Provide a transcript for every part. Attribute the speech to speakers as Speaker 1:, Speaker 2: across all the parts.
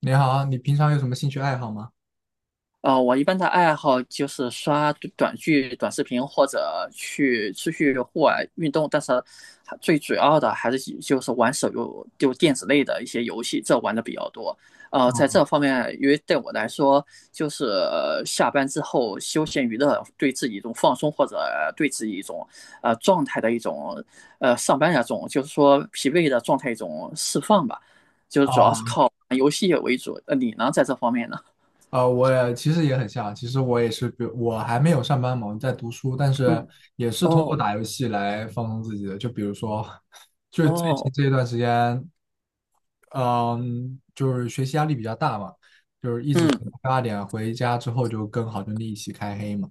Speaker 1: 你好，你平常有什么兴趣爱好吗？
Speaker 2: 我一般的爱好就是刷短剧、短视频，或者出去户外运动。但是还最主要的还是以就是玩手游，就电子类的一些游戏，这玩的比较多。在这方面，因为对我来说，就是下班之后休闲娱乐，对自己一种放松，或者对自己一种状态的一种上班那种，就是说疲惫的状态一种释放吧。就是主要是
Speaker 1: 啊，
Speaker 2: 看游戏为主。你呢，在这方面呢？
Speaker 1: 我也其实也很像，其实我也是，比如我还没有上班嘛，我在读书，但是
Speaker 2: 嗯。
Speaker 1: 也是通过
Speaker 2: 哦。
Speaker 1: 打游戏来放松自己的。就比如说，就最近
Speaker 2: 哦。
Speaker 1: 这一段时间，嗯，就是学习压力比较大嘛，就是一直学到
Speaker 2: 嗯。
Speaker 1: 8点，回家之后就跟好兄弟一起开黑嘛。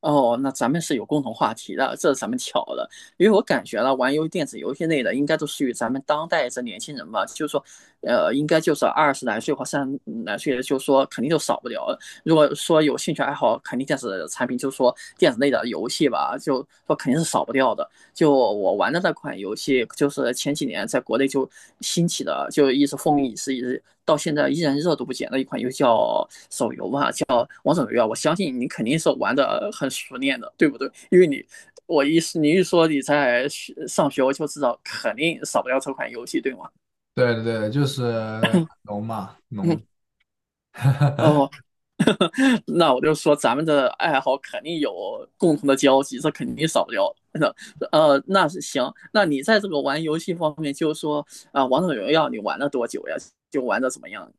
Speaker 2: 哦。那咱们是有共同话题的，这是咱们巧了，因为我感觉呢，玩电子游戏类的应该都属于咱们当代这年轻人吧，就是说，应该就是20来岁或30来岁的，就是说肯定就少不了了。如果说有兴趣爱好，肯定电子产品，就是说电子类的游戏吧，就说肯定是少不掉的。就我玩的那款游戏，就是前几年在国内就兴起的，就一直风靡一时，一直到现在依然热度不减的一款游戏叫手游吧，叫王者荣耀。我相信你肯定是玩的很熟练的，对不对？因为你，你一说你在上学，我就知道肯定少不了这款游戏，对吗？
Speaker 1: 对对对，就是农嘛，
Speaker 2: 嗯。
Speaker 1: 农。
Speaker 2: 哦，那我就说咱们的爱好肯定有共同的交集，这肯定少不了的。那是行，那你在这个玩游戏方面，就是说啊，王者荣耀你玩了多久呀？就玩的怎么样？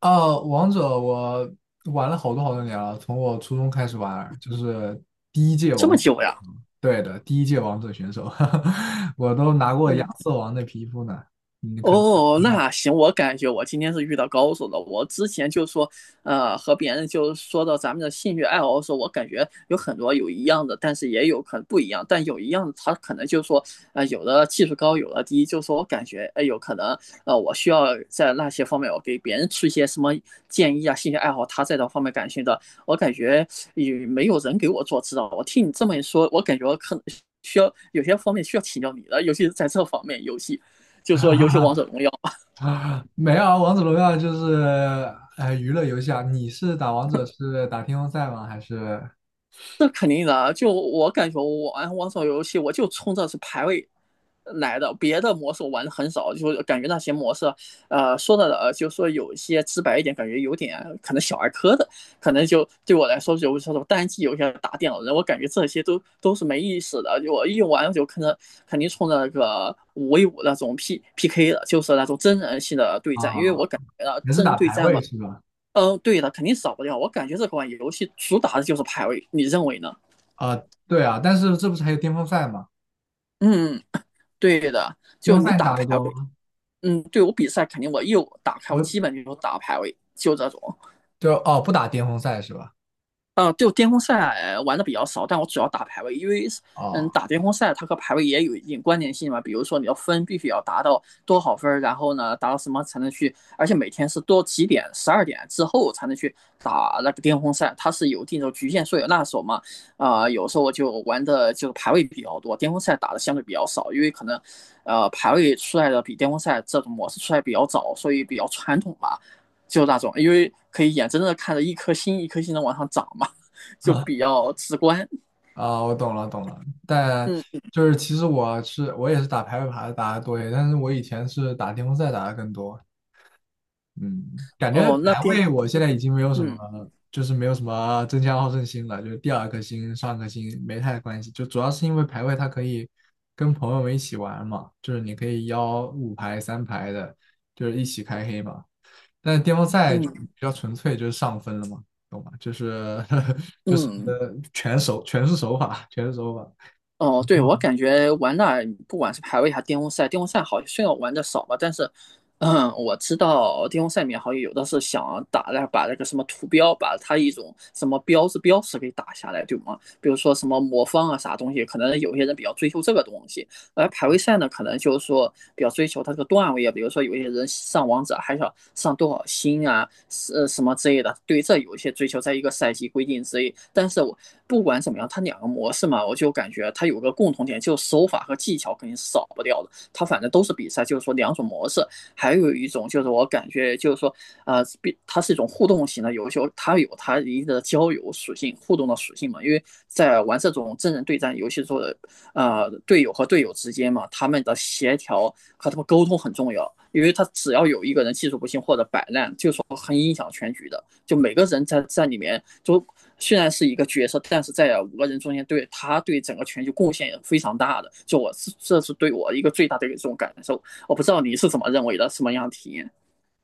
Speaker 1: 哦，王者我玩了好多好多年了，从我初中开始玩，就是第一届
Speaker 2: 这
Speaker 1: 王，
Speaker 2: 么久呀？
Speaker 1: 对的，第一届王者选手，我都拿过亚
Speaker 2: 嗯。
Speaker 1: 瑟王的皮肤呢，你可能还
Speaker 2: 哦，
Speaker 1: 不知
Speaker 2: 那
Speaker 1: 道。
Speaker 2: 行，我感觉我今天是遇到高手了。我之前就说，和别人就说到咱们的兴趣爱好的时候，我感觉有很多有一样的，但是也有可能不一样。但有一样的，他可能就说，有的技术高，有的低。就说我感觉，哎，有可能，我需要在那些方面，我给别人出一些什么建议啊，兴趣爱好，他在这方面感兴趣的，我感觉也没有人给我做指导。我听你这么一说，我感觉我可能需要有些方面需要请教你的，尤其是在这方面游戏。就说游戏王者 荣耀，
Speaker 1: 没有啊，王者荣耀就是娱乐游戏啊。你是打王者是打巅峰赛吗？还是
Speaker 2: 这肯定的啊。就我感觉我玩王者游戏，我就冲着是排位来的，别的模式我玩的很少，就感觉那些模式，就说有一些直白一点，感觉有点可能小儿科的，可能就对我来说有时候单机游戏打电脑人，我感觉这些都是没意思的。我一玩就可能肯定冲着那个5v5那种 PPK 的，就是那种真人性的对
Speaker 1: 啊，
Speaker 2: 战，因为我感觉到
Speaker 1: 也是
Speaker 2: 真人
Speaker 1: 打
Speaker 2: 对
Speaker 1: 排
Speaker 2: 战。
Speaker 1: 位是吧？
Speaker 2: 嗯，对的，肯定少不掉。我感觉这款游戏主打的就是排位，你认为呢？
Speaker 1: 啊，对啊，但是这不是还有巅峰赛吗？
Speaker 2: 嗯，对的，
Speaker 1: 巅
Speaker 2: 就
Speaker 1: 峰
Speaker 2: 你
Speaker 1: 赛你
Speaker 2: 打
Speaker 1: 打得
Speaker 2: 排
Speaker 1: 多
Speaker 2: 位。
Speaker 1: 吗？
Speaker 2: 嗯，对我比赛肯定我一打开，我
Speaker 1: 我
Speaker 2: 基本就是打排位，就这种。
Speaker 1: 哦，不打巅峰赛是吧？
Speaker 2: 啊，就巅峰赛玩的比较少，但我主要打排位，因为嗯，
Speaker 1: 哦。
Speaker 2: 打巅峰赛它和排位也有一定关联性嘛。比如说你要分必须要达到多少分，然后呢达到什么才能去，而且每天是多几点，12点之后才能去打那个巅峰赛，它是有一定的局限，所以那时候嘛，啊，有时候我就玩的就是排位比较多，巅峰赛打的相对比较少，因为可能排位出来的比巅峰赛这种模式出来比较早，所以比较传统吧。就那种，因为可以眼睁睁的看着一颗星一颗星的往上涨嘛，就比 较直观。
Speaker 1: 啊，我懂了，懂了。但
Speaker 2: 嗯。
Speaker 1: 就是其实我也是打排位牌打的多一些，但是我以前是打巅峰赛打的更多。嗯，感觉
Speaker 2: 哦，那
Speaker 1: 排
Speaker 2: 边。
Speaker 1: 位我现在已经没有什么，
Speaker 2: 嗯。
Speaker 1: 就是没有什么争强好胜心了，就是第二颗星、上颗星没太关系。就主要是因为排位它可以跟朋友们一起玩嘛，就是你可以邀五排、三排的，就是一起开黑嘛。但是巅峰赛就比
Speaker 2: 嗯。
Speaker 1: 较纯粹，就是上分了嘛，懂吗？就是 就是
Speaker 2: 嗯。
Speaker 1: 全是手法。
Speaker 2: 哦，对我感觉玩那不管是排位还是巅峰赛，巅峰赛好像虽然我玩的少吧，但是嗯，我知道巅峰赛里面好像有的是想打那把那个什么图标，把它一种什么标志标识给打下来，对吗？比如说什么魔方啊啥东西，可能有些人比较追求这个东西，而排位赛呢，可能就是说比较追求它这个段位啊，比如说有些人上王者还想上多少星啊，什么之类的，对这有一些追求，在一个赛季规定之内。但是我不管怎么样，它两个模式嘛，我就感觉它有个共同点，就是手法和技巧肯定是少不掉的。它反正都是比赛，就是说两种模式，还有一种就是我感觉就是说，呃，它是一种互动型的游戏，它有它一定的交友属性、互动的属性嘛，因为在玩这种真人对战游戏做的时候。队友和队友之间嘛，他们的协调和他们沟通很重要，因为他只要有一个人技术不行或者摆烂，就是说很影响全局的。就每个人在里面，就虽然是一个角色，但是在5个人中间对他对整个全局贡献也非常大的。就我这是对我一个最大的一种感受。我不知道你是怎么认为的，什么样的体验？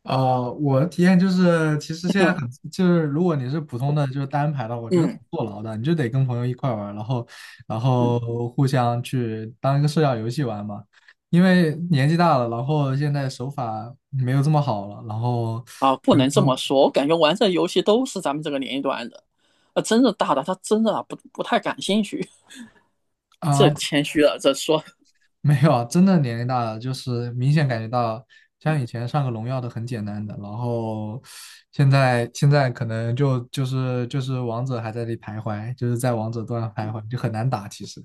Speaker 1: 我的体验就是，其实现在很 就是，如果你是普通的，就是单排的话我觉得挺
Speaker 2: 嗯。
Speaker 1: 坐牢的，你就得跟朋友一块玩儿然后，然
Speaker 2: 嗯。
Speaker 1: 后互相去当一个社交游戏玩嘛。因为年纪大了，然后现在手法没有这么好了，然后，
Speaker 2: 啊，不
Speaker 1: 比如
Speaker 2: 能这
Speaker 1: 说
Speaker 2: 么说，我感觉玩这游戏都是咱们这个年龄段的，真的大的他真的不太感兴趣。
Speaker 1: 啊、
Speaker 2: 这
Speaker 1: 呃
Speaker 2: 谦虚了，这说，
Speaker 1: 没有啊，真的年龄大了，就是明显感觉到，像以前上个荣耀都很简单的，然后现在可能就就是王者还在那里徘徊，就是在王者端徘徊，就很难打。其实，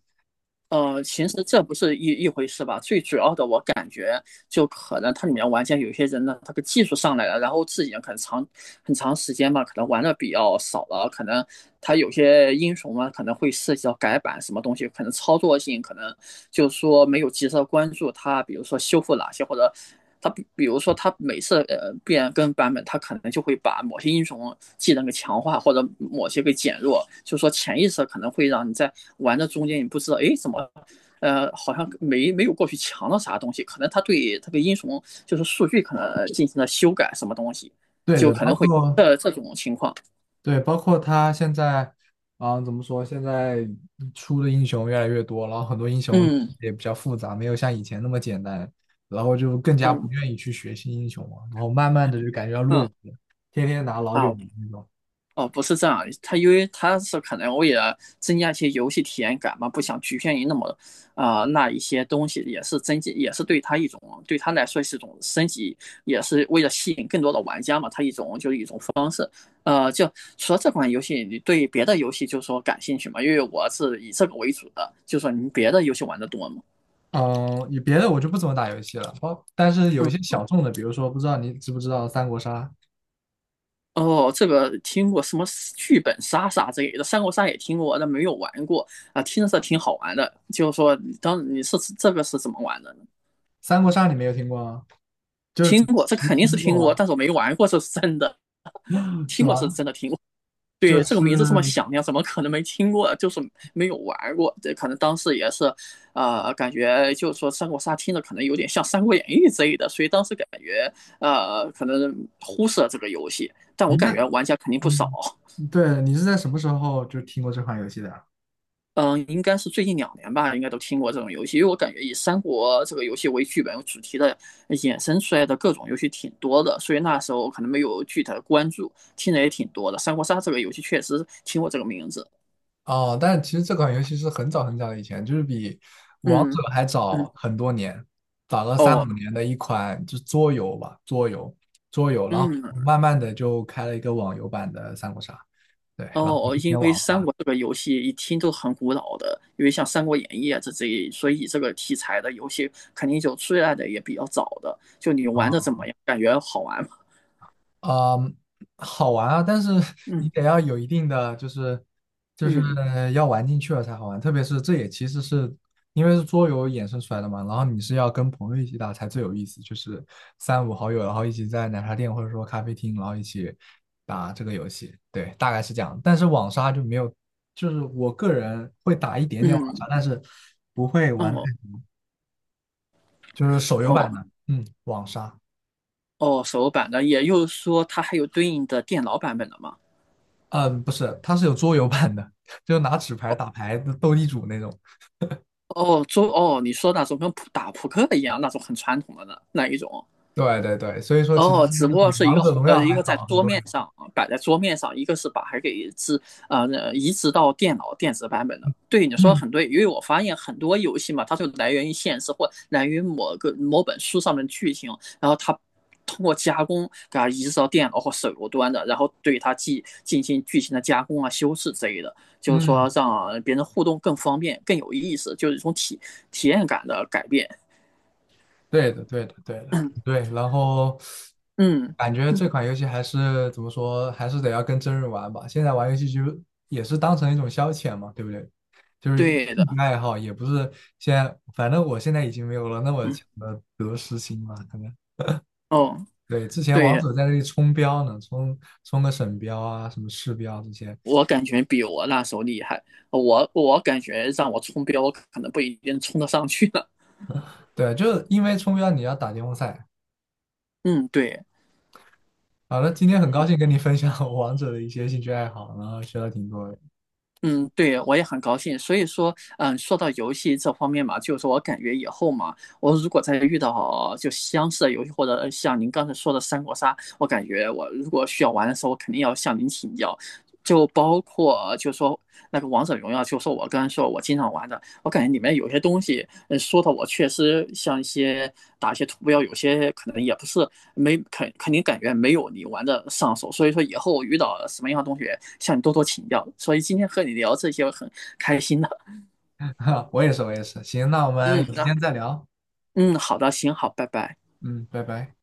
Speaker 2: 其实这不是一回事吧？最主要的，我感觉就可能它里面玩家有些人呢，他的技术上来了，然后自己可能长很长时间吧，可能玩的比较少了，可能他有些英雄嘛，可能会涉及到改版什么东西，可能操作性可能就是说没有及时的关注它，比如说修复哪些或者。他比如说，他每次变更版本，他可能就会把某些英雄技能给强化，或者某些给减弱。就是说潜意识可能会让你在玩的中间，你不知道，哎，怎么，好像没有过去强了啥东西？可能他对这个英雄就是数据可能进行了修改，什么东西，
Speaker 1: 对
Speaker 2: 就
Speaker 1: 的，
Speaker 2: 可
Speaker 1: 包
Speaker 2: 能会
Speaker 1: 括
Speaker 2: 这种情况。
Speaker 1: 对，包括他现在啊，怎么说？现在出的英雄越来越多，然后很多英雄
Speaker 2: 嗯。
Speaker 1: 也比较复杂，没有像以前那么简单，然后就更加不
Speaker 2: 嗯。
Speaker 1: 愿意去学新英雄了，然后慢慢的就感觉要落
Speaker 2: 嗯。
Speaker 1: 伍了，天天拿老九
Speaker 2: 啊。
Speaker 1: 那种。
Speaker 2: 哦，不是这样，他因为他是可能为了增加一些游戏体验感嘛，不想局限于那么啊，那一些东西，也是增进，也是对他一种对他来说是一种升级，也是为了吸引更多的玩家嘛，他一种就是一种方式。就了这款游戏，你对别的游戏就是说感兴趣嘛？因为我是以这个为主的，就是说你别的游戏玩的多吗？
Speaker 1: 嗯，也别的我就不怎么打游戏了，但是有一些小众的，比如说不知道你知不知道三国杀？
Speaker 2: 哦，这个听过什么剧本杀啥之类的，三国杀也听过，但没有玩过啊。听着挺好玩的，就是说，当你是这个是怎么玩的呢？
Speaker 1: 三国杀你没有听过吗？就是
Speaker 2: 听
Speaker 1: 只
Speaker 2: 过，这
Speaker 1: 只
Speaker 2: 肯定是
Speaker 1: 听
Speaker 2: 听
Speaker 1: 过
Speaker 2: 过，
Speaker 1: 吗？
Speaker 2: 但是我没玩过，这是真的。
Speaker 1: 是
Speaker 2: 听过是
Speaker 1: 吧？
Speaker 2: 真的听过，
Speaker 1: 就
Speaker 2: 对这个
Speaker 1: 是
Speaker 2: 名字这么响亮，怎么可能没听过？就是没有玩过，这可能当时也是，感觉就是说三国杀听着可能有点像《三国演义》之类的，所以当时感觉可能忽视了这个游戏，但我
Speaker 1: 您
Speaker 2: 感
Speaker 1: 那，
Speaker 2: 觉玩家肯定不少。
Speaker 1: 嗯，对，你是在什么时候就听过这款游戏的啊
Speaker 2: 嗯，应该是最近2年吧，应该都听过这种游戏，因为我感觉以三国这个游戏为剧本主题的衍生出来的各种游戏挺多的，所以那时候可能没有具体的关注，听的也挺多的。三国杀这个游戏确实听过这个名字。
Speaker 1: 哦，但是其实这款游戏是很早很早以前，就是比王者
Speaker 2: 嗯。
Speaker 1: 还
Speaker 2: 嗯。
Speaker 1: 早很多年，早了
Speaker 2: 哦。
Speaker 1: 3到5年的一款就桌游吧，桌游,然后
Speaker 2: 嗯。
Speaker 1: 慢慢的就开了一个网游版的三国杀，对，然后
Speaker 2: 哦，
Speaker 1: 今
Speaker 2: 因
Speaker 1: 天
Speaker 2: 为
Speaker 1: 网
Speaker 2: 三
Speaker 1: 上。
Speaker 2: 国这个游戏一听都很古老的，因为像《三国演义》啊这一，所以这个题材的游戏肯定就出来的也比较早的。就你玩的怎
Speaker 1: 啊，
Speaker 2: 么样？感觉好玩吗？
Speaker 1: 啊，好玩啊，但是 你
Speaker 2: 嗯。
Speaker 1: 得要有一定的，就是就是
Speaker 2: 嗯。
Speaker 1: 要玩进去了才好玩。特别是这也其实是因为是桌游衍生出来的嘛，然后你是要跟朋友一起打才最有意思，就是三五好友，然后一起在奶茶店或者说咖啡厅，然后一起打这个游戏。对，大概是这样。但是网杀就没有，就是我个人会打一点点网杀，
Speaker 2: 嗯。
Speaker 1: 但是不会
Speaker 2: 嗯。
Speaker 1: 玩太，
Speaker 2: 哦。
Speaker 1: 就是手游
Speaker 2: 哦。
Speaker 1: 版的，嗯，网杀。
Speaker 2: 哦，手版的，也就是说它还有对应的电脑版本的吗？
Speaker 1: 嗯，不是，它是有桌游版的，就拿纸牌打牌的斗地主那种。
Speaker 2: 哦，你说那种跟打扑克一样那种很传统的呢，那一种？
Speaker 1: 对对对，所以说其实
Speaker 2: 哦，只不
Speaker 1: 是
Speaker 2: 过
Speaker 1: 比
Speaker 2: 是一
Speaker 1: 王
Speaker 2: 个
Speaker 1: 者荣耀
Speaker 2: 一
Speaker 1: 还
Speaker 2: 个在
Speaker 1: 早很
Speaker 2: 桌
Speaker 1: 多
Speaker 2: 面
Speaker 1: 年。
Speaker 2: 上啊摆在桌面上，一个是把它给置呃呃移植到电脑电子版本的。对，你说的
Speaker 1: 嗯
Speaker 2: 很对，因为我发现很多游戏嘛，它就来源于现实或来源于某个某本书上面的剧情，然后它通过加工给它移植到电脑或手游端的，然后对它进行剧情的加工啊、修饰之类的，就是说
Speaker 1: 嗯，
Speaker 2: 让别人互动更方便、更有意思，就是一种体验感的改变。
Speaker 1: 对的对的对的对。然后
Speaker 2: 嗯，
Speaker 1: 感觉这款游戏还是怎么说，还是得要跟真人玩吧。现在玩游戏就也是当成一种消遣嘛，对不对？就是
Speaker 2: 对的。
Speaker 1: 兴趣爱好，也不是现在，反正我现在已经没有了那么
Speaker 2: 嗯。
Speaker 1: 强的得失心嘛，可能。
Speaker 2: 哦。
Speaker 1: 对，之前王
Speaker 2: 对，
Speaker 1: 者在那里冲标呢，冲个省标啊，什么市标这些。
Speaker 2: 我感觉比我那时候厉害，我感觉让我冲标，我可能不一定冲得上去了。
Speaker 1: 对，就是因为冲标你要打巅峰赛。
Speaker 2: 嗯，对。
Speaker 1: 好了，今天很高兴跟你分享我王者的一些兴趣爱好，然后学了挺多的。
Speaker 2: 嗯，对，我也很高兴。所以说，嗯，说到游戏这方面嘛，就是说我感觉以后嘛，我如果再遇到就相似的游戏，或者像您刚才说的三国杀，我感觉我如果需要玩的时候，我肯定要向您请教。就包括就说那个王者荣耀，就说我刚才说我经常玩的。我感觉里面有些东西，说的我确实像一些打一些图标，有些可能也不是没肯定感觉没有你玩的上手，所以说以后遇到什么样的同学向你多多请教。所以今天和你聊这些我很开心的。
Speaker 1: 我也是，我也是。行，那我们
Speaker 2: 嗯，
Speaker 1: 有时
Speaker 2: 那
Speaker 1: 间再聊。
Speaker 2: 嗯，好的，行，好，拜拜。
Speaker 1: 嗯，拜拜。